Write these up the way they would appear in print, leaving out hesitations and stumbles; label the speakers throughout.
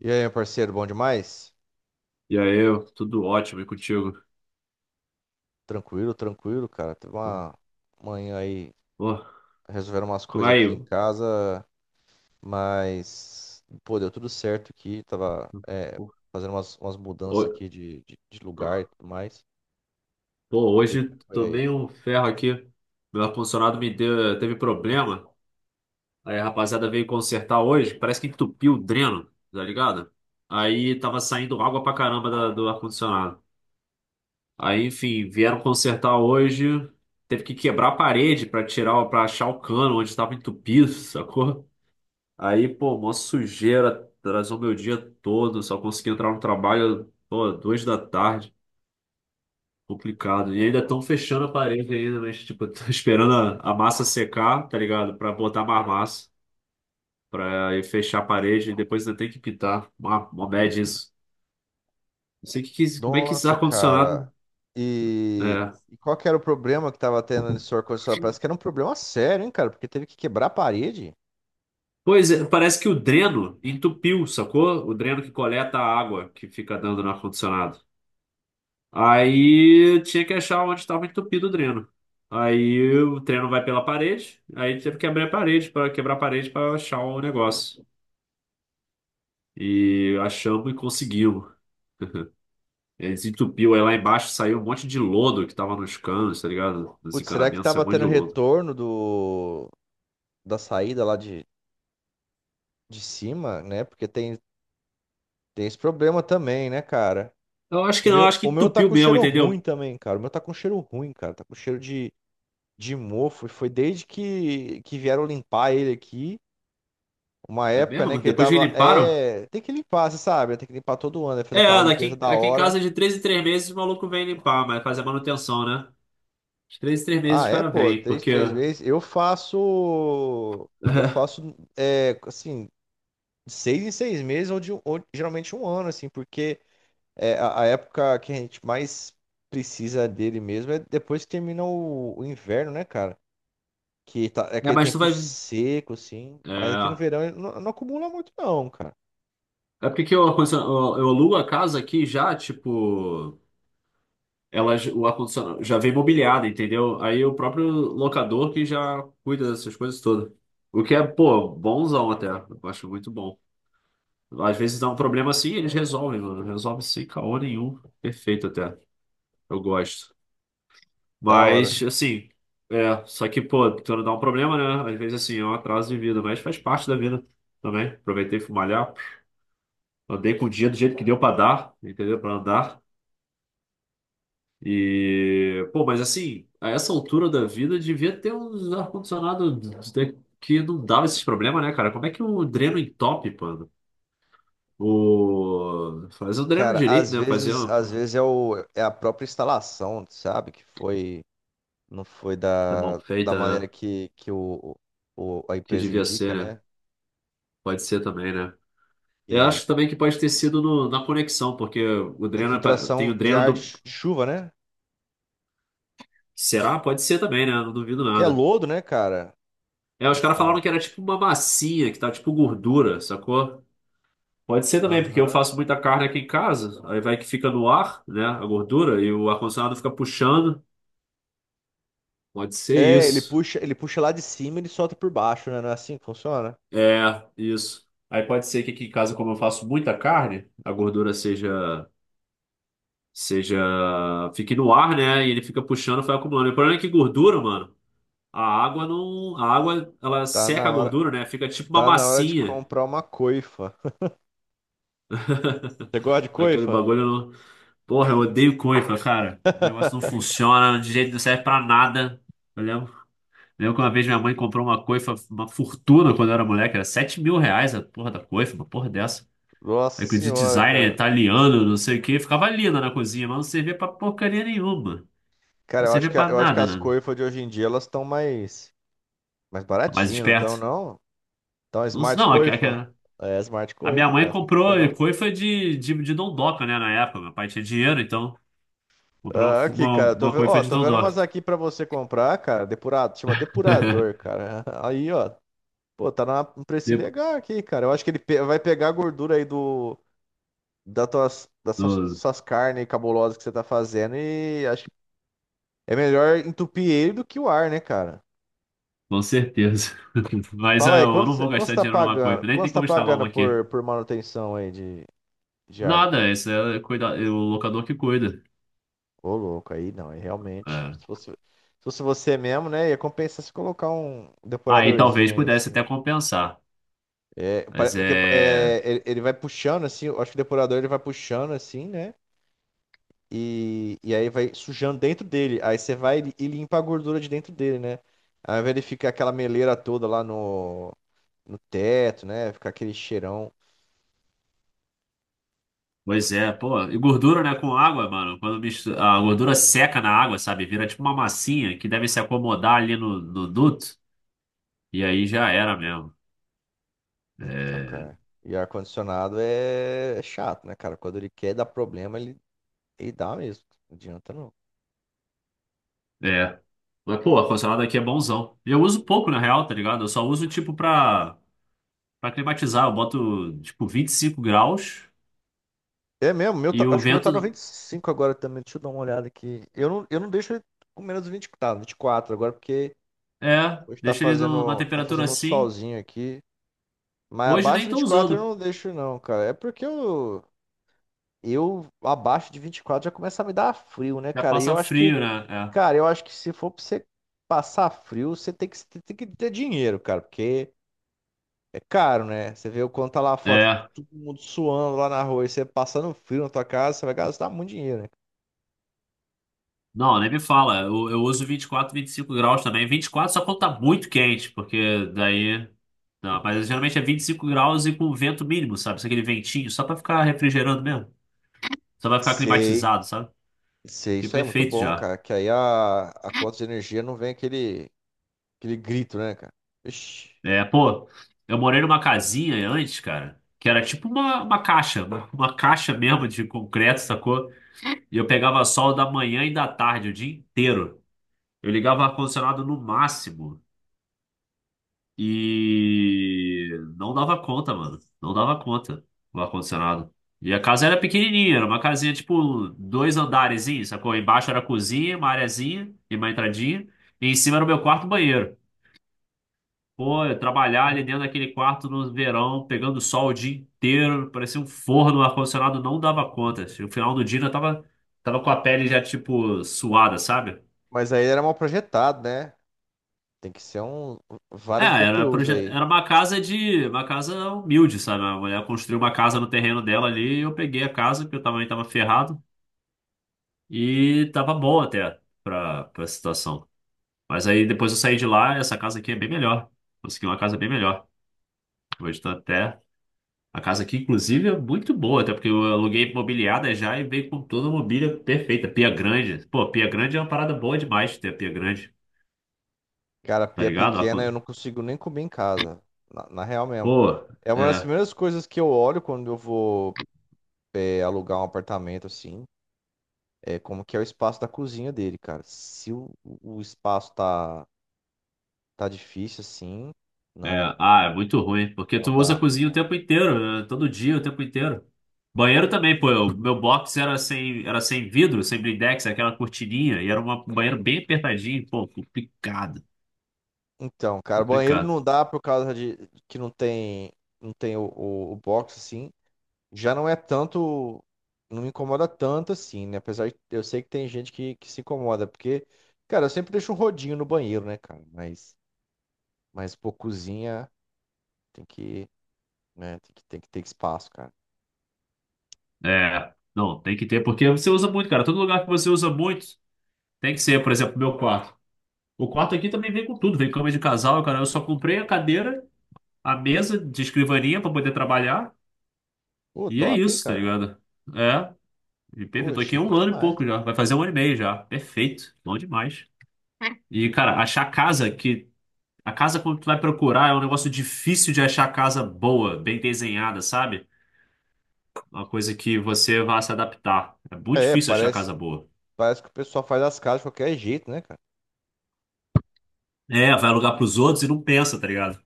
Speaker 1: E aí, meu parceiro, bom demais?
Speaker 2: E aí, eu, tudo ótimo e contigo?
Speaker 1: Tranquilo, tranquilo, cara. Teve uma manhã aí,
Speaker 2: Pô,
Speaker 1: resolveram umas
Speaker 2: como
Speaker 1: coisas
Speaker 2: é
Speaker 1: aqui em
Speaker 2: aí?
Speaker 1: casa, mas, pô, deu tudo certo aqui. Tava, é,
Speaker 2: Pô,
Speaker 1: fazendo umas, mudanças aqui de lugar e tudo mais.
Speaker 2: pô,
Speaker 1: E
Speaker 2: hoje
Speaker 1: como é que foi aí?
Speaker 2: tomei um ferro aqui. Meu ar-condicionado teve problema. Aí a rapaziada veio consertar hoje. Parece que entupiu o dreno, tá ligado? Aí tava saindo água pra caramba do ar-condicionado. Aí, enfim, vieram consertar hoje. Teve que quebrar a parede para achar o cano onde estava entupido, sacou? Aí, pô, mó sujeira, atrasou meu dia todo, só consegui entrar no trabalho, pô, 2 da tarde, complicado. E ainda estão fechando a parede ainda, mas, tipo, tô esperando a massa secar, tá ligado? Pra botar mais massa, pra ir fechar a parede e depois ainda tem que pintar. Uma bad isso. Não sei como é que esse
Speaker 1: Nossa, cara.
Speaker 2: ar-condicionado.
Speaker 1: E,
Speaker 2: É.
Speaker 1: e qual que era o problema que tava tendo nesse ar-condicionado? Parece que era um problema sério, hein, cara? Porque teve que quebrar a parede.
Speaker 2: Pois é, parece que o dreno entupiu, sacou? O dreno que coleta a água que fica dando no ar-condicionado. Aí tinha que achar onde estava entupido o dreno. Aí o dreno vai pela parede, aí teve que abrir a parede para quebrar a parede para achar o negócio. E achamos e conseguimos. Ele desentupiu, aí lá embaixo saiu um monte de lodo que tava nos canos, tá ligado? Nos
Speaker 1: Putz, será que
Speaker 2: encanamentos, saiu
Speaker 1: tava
Speaker 2: um monte
Speaker 1: tendo
Speaker 2: de lodo.
Speaker 1: retorno do, da saída lá de cima, né? Porque tem tem esse problema também, né, cara?
Speaker 2: Eu acho
Speaker 1: O
Speaker 2: que não, eu
Speaker 1: meu,
Speaker 2: acho que
Speaker 1: o meu tá
Speaker 2: entupiu
Speaker 1: com
Speaker 2: mesmo,
Speaker 1: cheiro ruim
Speaker 2: entendeu?
Speaker 1: também, cara. O meu tá com cheiro ruim, cara. Tá com cheiro de mofo. E foi desde que vieram limpar ele aqui. Uma
Speaker 2: É
Speaker 1: época, né,
Speaker 2: mesmo?
Speaker 1: que ele
Speaker 2: Depois que
Speaker 1: tava.
Speaker 2: limparam?
Speaker 1: É. Tem que limpar, você sabe? Né? Tem que limpar todo ano, né? Fazer
Speaker 2: É,
Speaker 1: aquela limpeza da
Speaker 2: aqui em casa
Speaker 1: hora.
Speaker 2: é de 3 em 3 meses o maluco vem limpar, mas fazer manutenção, né? De 3 em 3 meses
Speaker 1: Ah,
Speaker 2: o
Speaker 1: é,
Speaker 2: cara
Speaker 1: pô,
Speaker 2: vem,
Speaker 1: três,
Speaker 2: porque.
Speaker 1: três meses. Eu faço. Eu faço, é, assim, de seis em seis meses, ou, de, um, ou geralmente um ano, assim, porque. É, a época que a gente mais precisa dele mesmo é depois que termina o inverno, né, cara? Que tá, é
Speaker 2: É,
Speaker 1: aquele
Speaker 2: mas tu
Speaker 1: tempo
Speaker 2: vai.
Speaker 1: seco, assim. Mas aqui no
Speaker 2: É,
Speaker 1: verão ele não, não acumula muito, não, cara.
Speaker 2: é, porque que eu alugo a casa aqui já, tipo, o ar-condicionado já vem mobiliado, entendeu? Aí o próprio locador que já cuida dessas coisas todas. O que é, pô, bonzão até. Eu acho muito bom. Às vezes dá um problema assim, eles resolvem, mano. Resolve sem caô nenhum. Perfeito até. Eu gosto.
Speaker 1: Da hora.
Speaker 2: Mas, assim, é. Só que, pô, quando dá um problema, né? Às vezes, assim, é um atraso de vida, mas faz parte da vida também. Aproveitei e fui malhar. Andei com o dia do jeito que deu para dar, entendeu? Para andar. E, pô, mas assim, a essa altura da vida devia ter uns ar-condicionado que não dava esses problemas, né, cara? Como é que o dreno entope, mano? Fazer o dreno
Speaker 1: Cara,
Speaker 2: direito, né? Fazer uma pô,
Speaker 1: às vezes é, o, é a própria instalação, sabe? Que foi, não foi
Speaker 2: é mal
Speaker 1: da
Speaker 2: feita, né?
Speaker 1: maneira que o, a
Speaker 2: Que
Speaker 1: empresa
Speaker 2: devia
Speaker 1: indica,
Speaker 2: ser, né?
Speaker 1: né?
Speaker 2: Pode ser também, né? Eu
Speaker 1: E
Speaker 2: acho também que pode ter sido na conexão, porque o
Speaker 1: a
Speaker 2: dreno tem
Speaker 1: infiltração
Speaker 2: o
Speaker 1: de
Speaker 2: dreno
Speaker 1: ar de
Speaker 2: do.
Speaker 1: chu- de chuva, né?
Speaker 2: Será? Pode ser também, né? Não duvido
Speaker 1: Porque é
Speaker 2: nada.
Speaker 1: lodo, né, cara?
Speaker 2: É, os caras
Speaker 1: Não,
Speaker 2: falaram
Speaker 1: é.
Speaker 2: que era tipo uma massinha, que tá tipo gordura, sacou? Pode ser também, porque eu
Speaker 1: Aham.
Speaker 2: faço muita carne aqui em casa, aí vai que fica no ar, né, a gordura, e o ar-condicionado fica puxando. Pode ser
Speaker 1: É,
Speaker 2: isso.
Speaker 1: ele puxa lá de cima e ele solta por baixo, né? Não é assim que funciona?
Speaker 2: É, isso. Aí pode ser que aqui em casa, como eu faço muita carne, a gordura seja, fique no ar, né, e ele fica puxando, vai acumulando. E o problema é que gordura, mano, a água não, a água, ela
Speaker 1: Tá
Speaker 2: seca
Speaker 1: na
Speaker 2: a
Speaker 1: hora,
Speaker 2: gordura, né, fica tipo uma
Speaker 1: tá na hora de
Speaker 2: massinha.
Speaker 1: comprar uma coifa. Você gosta de
Speaker 2: Aquele
Speaker 1: coifa?
Speaker 2: bagulho, não... Porra, eu odeio coifa, cara. O negócio não funciona, de jeito não serve pra nada. Entendeu? Lembro que uma vez minha mãe comprou uma coifa, uma fortuna quando eu era moleque, era R$ 7.000 a porra da coifa, uma porra dessa.
Speaker 1: Nossa
Speaker 2: Aí com de
Speaker 1: senhora,
Speaker 2: designer
Speaker 1: cara.
Speaker 2: italiano, não sei o que, ficava linda na cozinha, mas não servia pra porcaria nenhuma.
Speaker 1: Cara,
Speaker 2: Não
Speaker 1: eu acho
Speaker 2: servia
Speaker 1: que, a-
Speaker 2: pra
Speaker 1: eu acho que as
Speaker 2: nada, né?
Speaker 1: coifas de hoje em dia elas estão mais, mais
Speaker 2: Tô mais
Speaker 1: baratinhas, não estão,
Speaker 2: esperto.
Speaker 1: não? Então,
Speaker 2: Não,
Speaker 1: Smart
Speaker 2: não,
Speaker 1: Coifa? É, Smart
Speaker 2: a minha
Speaker 1: Coifa,
Speaker 2: mãe
Speaker 1: cara, você não sabia,
Speaker 2: comprou
Speaker 1: não?
Speaker 2: coifa de dondoca, né, na época. Meu pai tinha dinheiro, então comprou
Speaker 1: Ah, aqui,
Speaker 2: uma,
Speaker 1: cara, eu tô,
Speaker 2: uma
Speaker 1: ve-
Speaker 2: coifa
Speaker 1: ó,
Speaker 2: de
Speaker 1: tô vendo
Speaker 2: dondoca.
Speaker 1: umas aqui pra você comprar, cara, depurado, chama depurador, cara. Aí, ó, pô, tá na- um precinho
Speaker 2: Depo-
Speaker 1: legal aqui, cara. Eu acho que ele pe- vai pegar a gordura aí do, da tuas,
Speaker 2: no-
Speaker 1: suas carnes cabulosas que você tá fazendo e acho que é melhor entupir ele do que o ar, né, cara?
Speaker 2: Com certeza. Mas
Speaker 1: Fala
Speaker 2: é,
Speaker 1: aí,
Speaker 2: eu não vou
Speaker 1: quanto você
Speaker 2: gastar
Speaker 1: tá
Speaker 2: dinheiro numa
Speaker 1: pagando,
Speaker 2: coifa, nem
Speaker 1: quanto
Speaker 2: tem
Speaker 1: você tá
Speaker 2: como instalar
Speaker 1: pagando
Speaker 2: uma aqui.
Speaker 1: por manutenção aí de arma?
Speaker 2: Nada, esse é cuida, é o locador que cuida.
Speaker 1: Ô, louco, aí não, aí realmente.
Speaker 2: É.
Speaker 1: Se fosse, se fosse você mesmo, né, ia compensar se colocar um
Speaker 2: Aí
Speaker 1: depuradorzinho
Speaker 2: talvez
Speaker 1: aí em
Speaker 2: pudesse
Speaker 1: cima.
Speaker 2: até compensar.
Speaker 1: É,
Speaker 2: Mas
Speaker 1: pare- Porque
Speaker 2: é.
Speaker 1: é, ele vai puxando assim, eu acho que o depurador ele vai puxando assim, né? E aí vai sujando dentro dele. Aí você vai e limpa a gordura de dentro dele, né? Aí ele fica aquela meleira toda lá no, no teto, né? Fica aquele cheirão.
Speaker 2: Pois é, pô. E gordura, né, com água, mano. Quando mistura, a gordura seca na água, sabe? Vira tipo uma massinha que deve se acomodar ali no duto. E aí já era mesmo.
Speaker 1: Então, cara.
Speaker 2: É.
Speaker 1: E ar-condicionado é chato, né, cara? Quando ele quer dar problema, ele dá mesmo. Não adianta não.
Speaker 2: É. Mas, pô, ar-condicionado aqui é bonzão. E eu uso pouco, na real, tá ligado? Eu só uso, tipo, pra climatizar. Eu boto, tipo, 25 graus
Speaker 1: É mesmo, meu
Speaker 2: e
Speaker 1: tá-
Speaker 2: o
Speaker 1: acho que o meu tá noventa
Speaker 2: vento.
Speaker 1: e cinco agora também. Deixa eu dar uma olhada aqui. Eu não deixo ele com menos de 20, tá, 24 agora, porque
Speaker 2: É,
Speaker 1: hoje
Speaker 2: deixa ele numa
Speaker 1: tá
Speaker 2: temperatura
Speaker 1: fazendo um
Speaker 2: assim.
Speaker 1: solzinho aqui. Mas
Speaker 2: Hoje
Speaker 1: abaixo
Speaker 2: nem
Speaker 1: de
Speaker 2: tô
Speaker 1: 24 eu
Speaker 2: usando.
Speaker 1: não deixo, não, cara. É porque eu abaixo de 24 já começa a me dar frio, né,
Speaker 2: Já
Speaker 1: cara? E eu
Speaker 2: passa
Speaker 1: acho que,
Speaker 2: frio, né?
Speaker 1: cara, eu acho que se for pra você passar frio, você tem que ter dinheiro, cara, porque é caro, né? Você vê o quanto tá lá a
Speaker 2: É.
Speaker 1: foto,
Speaker 2: É.
Speaker 1: todo mundo suando lá na rua e você passando frio na tua casa, você vai gastar muito dinheiro, né?
Speaker 2: Não, nem me fala. Eu uso 24, 25 graus também. 24 só quando tá muito quente, porque daí. Não, mas geralmente é 25 graus e com vento mínimo, sabe? Só aquele ventinho, só pra ficar refrigerando mesmo. Só pra ficar
Speaker 1: Sei,
Speaker 2: climatizado, sabe?
Speaker 1: sei,
Speaker 2: Que é
Speaker 1: isso aí é muito
Speaker 2: perfeito
Speaker 1: bom,
Speaker 2: já.
Speaker 1: cara. Que aí a conta de energia não vem aquele, aquele grito, né, cara? Ixi.
Speaker 2: É, pô, eu morei numa casinha antes, cara, que era tipo uma caixa, uma caixa mesmo de concreto, sacou? E eu pegava sol da manhã e da tarde, o dia inteiro. Eu ligava o ar-condicionado no máximo. E não dava conta, mano. Não dava conta o ar-condicionado. E a casa era pequenininha, era uma casinha tipo dois andarezinhos, sacou? Embaixo era a cozinha, uma areazinha e uma entradinha. E em cima era o meu quarto banheiro. Pô, eu trabalhar ali dentro daquele quarto no verão, pegando sol o dia inteiro, parecia um forno, o ar-condicionado não dava conta. No final do dia eu tava com a pele já tipo suada, sabe?
Speaker 1: Mas aí era mal projetado, né? Tem que ser
Speaker 2: É,
Speaker 1: vários BTUs aí.
Speaker 2: era uma casa de. Uma casa humilde, sabe? A mulher construiu uma casa no terreno dela ali, e eu peguei a casa, porque eu também tava ferrado, e tava bom até pra situação. Mas aí depois eu saí de lá, essa casa aqui é bem melhor. Consegui uma casa bem melhor. Hoje tá até. A casa aqui, inclusive, é muito boa, até porque eu aluguei mobiliada já e veio com toda a mobília perfeita. Pia grande. Pô, pia grande é uma parada boa demais ter a pia grande,
Speaker 1: Cara,
Speaker 2: tá
Speaker 1: pia
Speaker 2: ligado?
Speaker 1: pequena eu não consigo nem comer em casa. Na real mesmo.
Speaker 2: Pô,
Speaker 1: É uma das
Speaker 2: é.
Speaker 1: primeiras coisas que eu olho quando eu vou é, alugar um apartamento assim. É como que é o espaço da cozinha dele, cara. Se o, o espaço tá, tá difícil assim,
Speaker 2: É,
Speaker 1: não,
Speaker 2: ah, é muito ruim, porque
Speaker 1: não
Speaker 2: tu usa
Speaker 1: dá.
Speaker 2: a cozinha o tempo inteiro, né? Todo dia, o tempo inteiro. Banheiro também, pô, o meu box era sem vidro, sem blindex, aquela cortininha, e era um banheiro bem apertadinho, pô, complicado,
Speaker 1: Então, cara, banheiro
Speaker 2: complicado.
Speaker 1: não dá por causa de que não tem, não tem o box assim. Já não é tanto, não me incomoda tanto assim, né? Apesar de eu sei que tem gente que se incomoda, porque, cara, eu sempre deixo um rodinho no banheiro, né, cara? Mas pô, cozinha tem que, né, tem que ter espaço, cara.
Speaker 2: É, não, tem que ter, porque você usa muito, cara, todo lugar que você usa muito, tem que ser, por exemplo, meu quarto. O quarto aqui também vem com tudo, vem cama de casal, cara, eu só comprei a cadeira, a mesa de escrivaninha pra poder trabalhar,
Speaker 1: Pô,
Speaker 2: e é
Speaker 1: top, hein,
Speaker 2: isso, tá
Speaker 1: cara?
Speaker 2: ligado? É. E perfeito.
Speaker 1: Pô,
Speaker 2: Tô aqui há
Speaker 1: chique
Speaker 2: um ano e
Speaker 1: demais,
Speaker 2: pouco
Speaker 1: cara.
Speaker 2: já. Vai fazer um ano e meio já. Perfeito. Bom demais. E, cara, achar casa que. A casa quando tu vai procurar é um negócio difícil de achar casa boa, bem desenhada, sabe? Uma coisa que você vai se adaptar. É muito
Speaker 1: É,
Speaker 2: difícil achar
Speaker 1: parece,
Speaker 2: casa boa.
Speaker 1: parece que o pessoal faz as casas de qualquer jeito, né, cara?
Speaker 2: É, vai alugar pros outros e não pensa, tá ligado?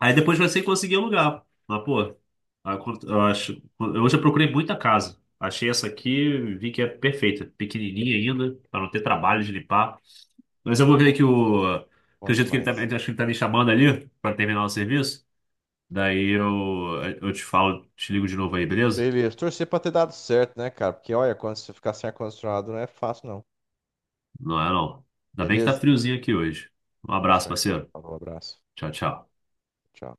Speaker 2: Aí depois você conseguir alugar. Mas, pô, aí eu acho. Eu já procurei muita casa. Achei essa aqui, vi que é perfeita. Pequenininha ainda, pra não ter trabalho de limpar. Mas eu vou ver
Speaker 1: Pô,
Speaker 2: que o.
Speaker 1: bom
Speaker 2: Acredito que ele tá,
Speaker 1: demais.
Speaker 2: acho que ele tá me chamando ali pra terminar o serviço. Daí eu te ligo de novo aí, beleza?
Speaker 1: Beleza, torcer pra ter dado certo, né, cara? Porque olha, quando você ficar sem ar-condicionado não é fácil, não.
Speaker 2: Não é não. Ainda bem que tá
Speaker 1: Beleza?
Speaker 2: friozinho aqui hoje. Um abraço,
Speaker 1: Fechou então.
Speaker 2: parceiro.
Speaker 1: Falou, abraço.
Speaker 2: Tchau, tchau.
Speaker 1: Tchau.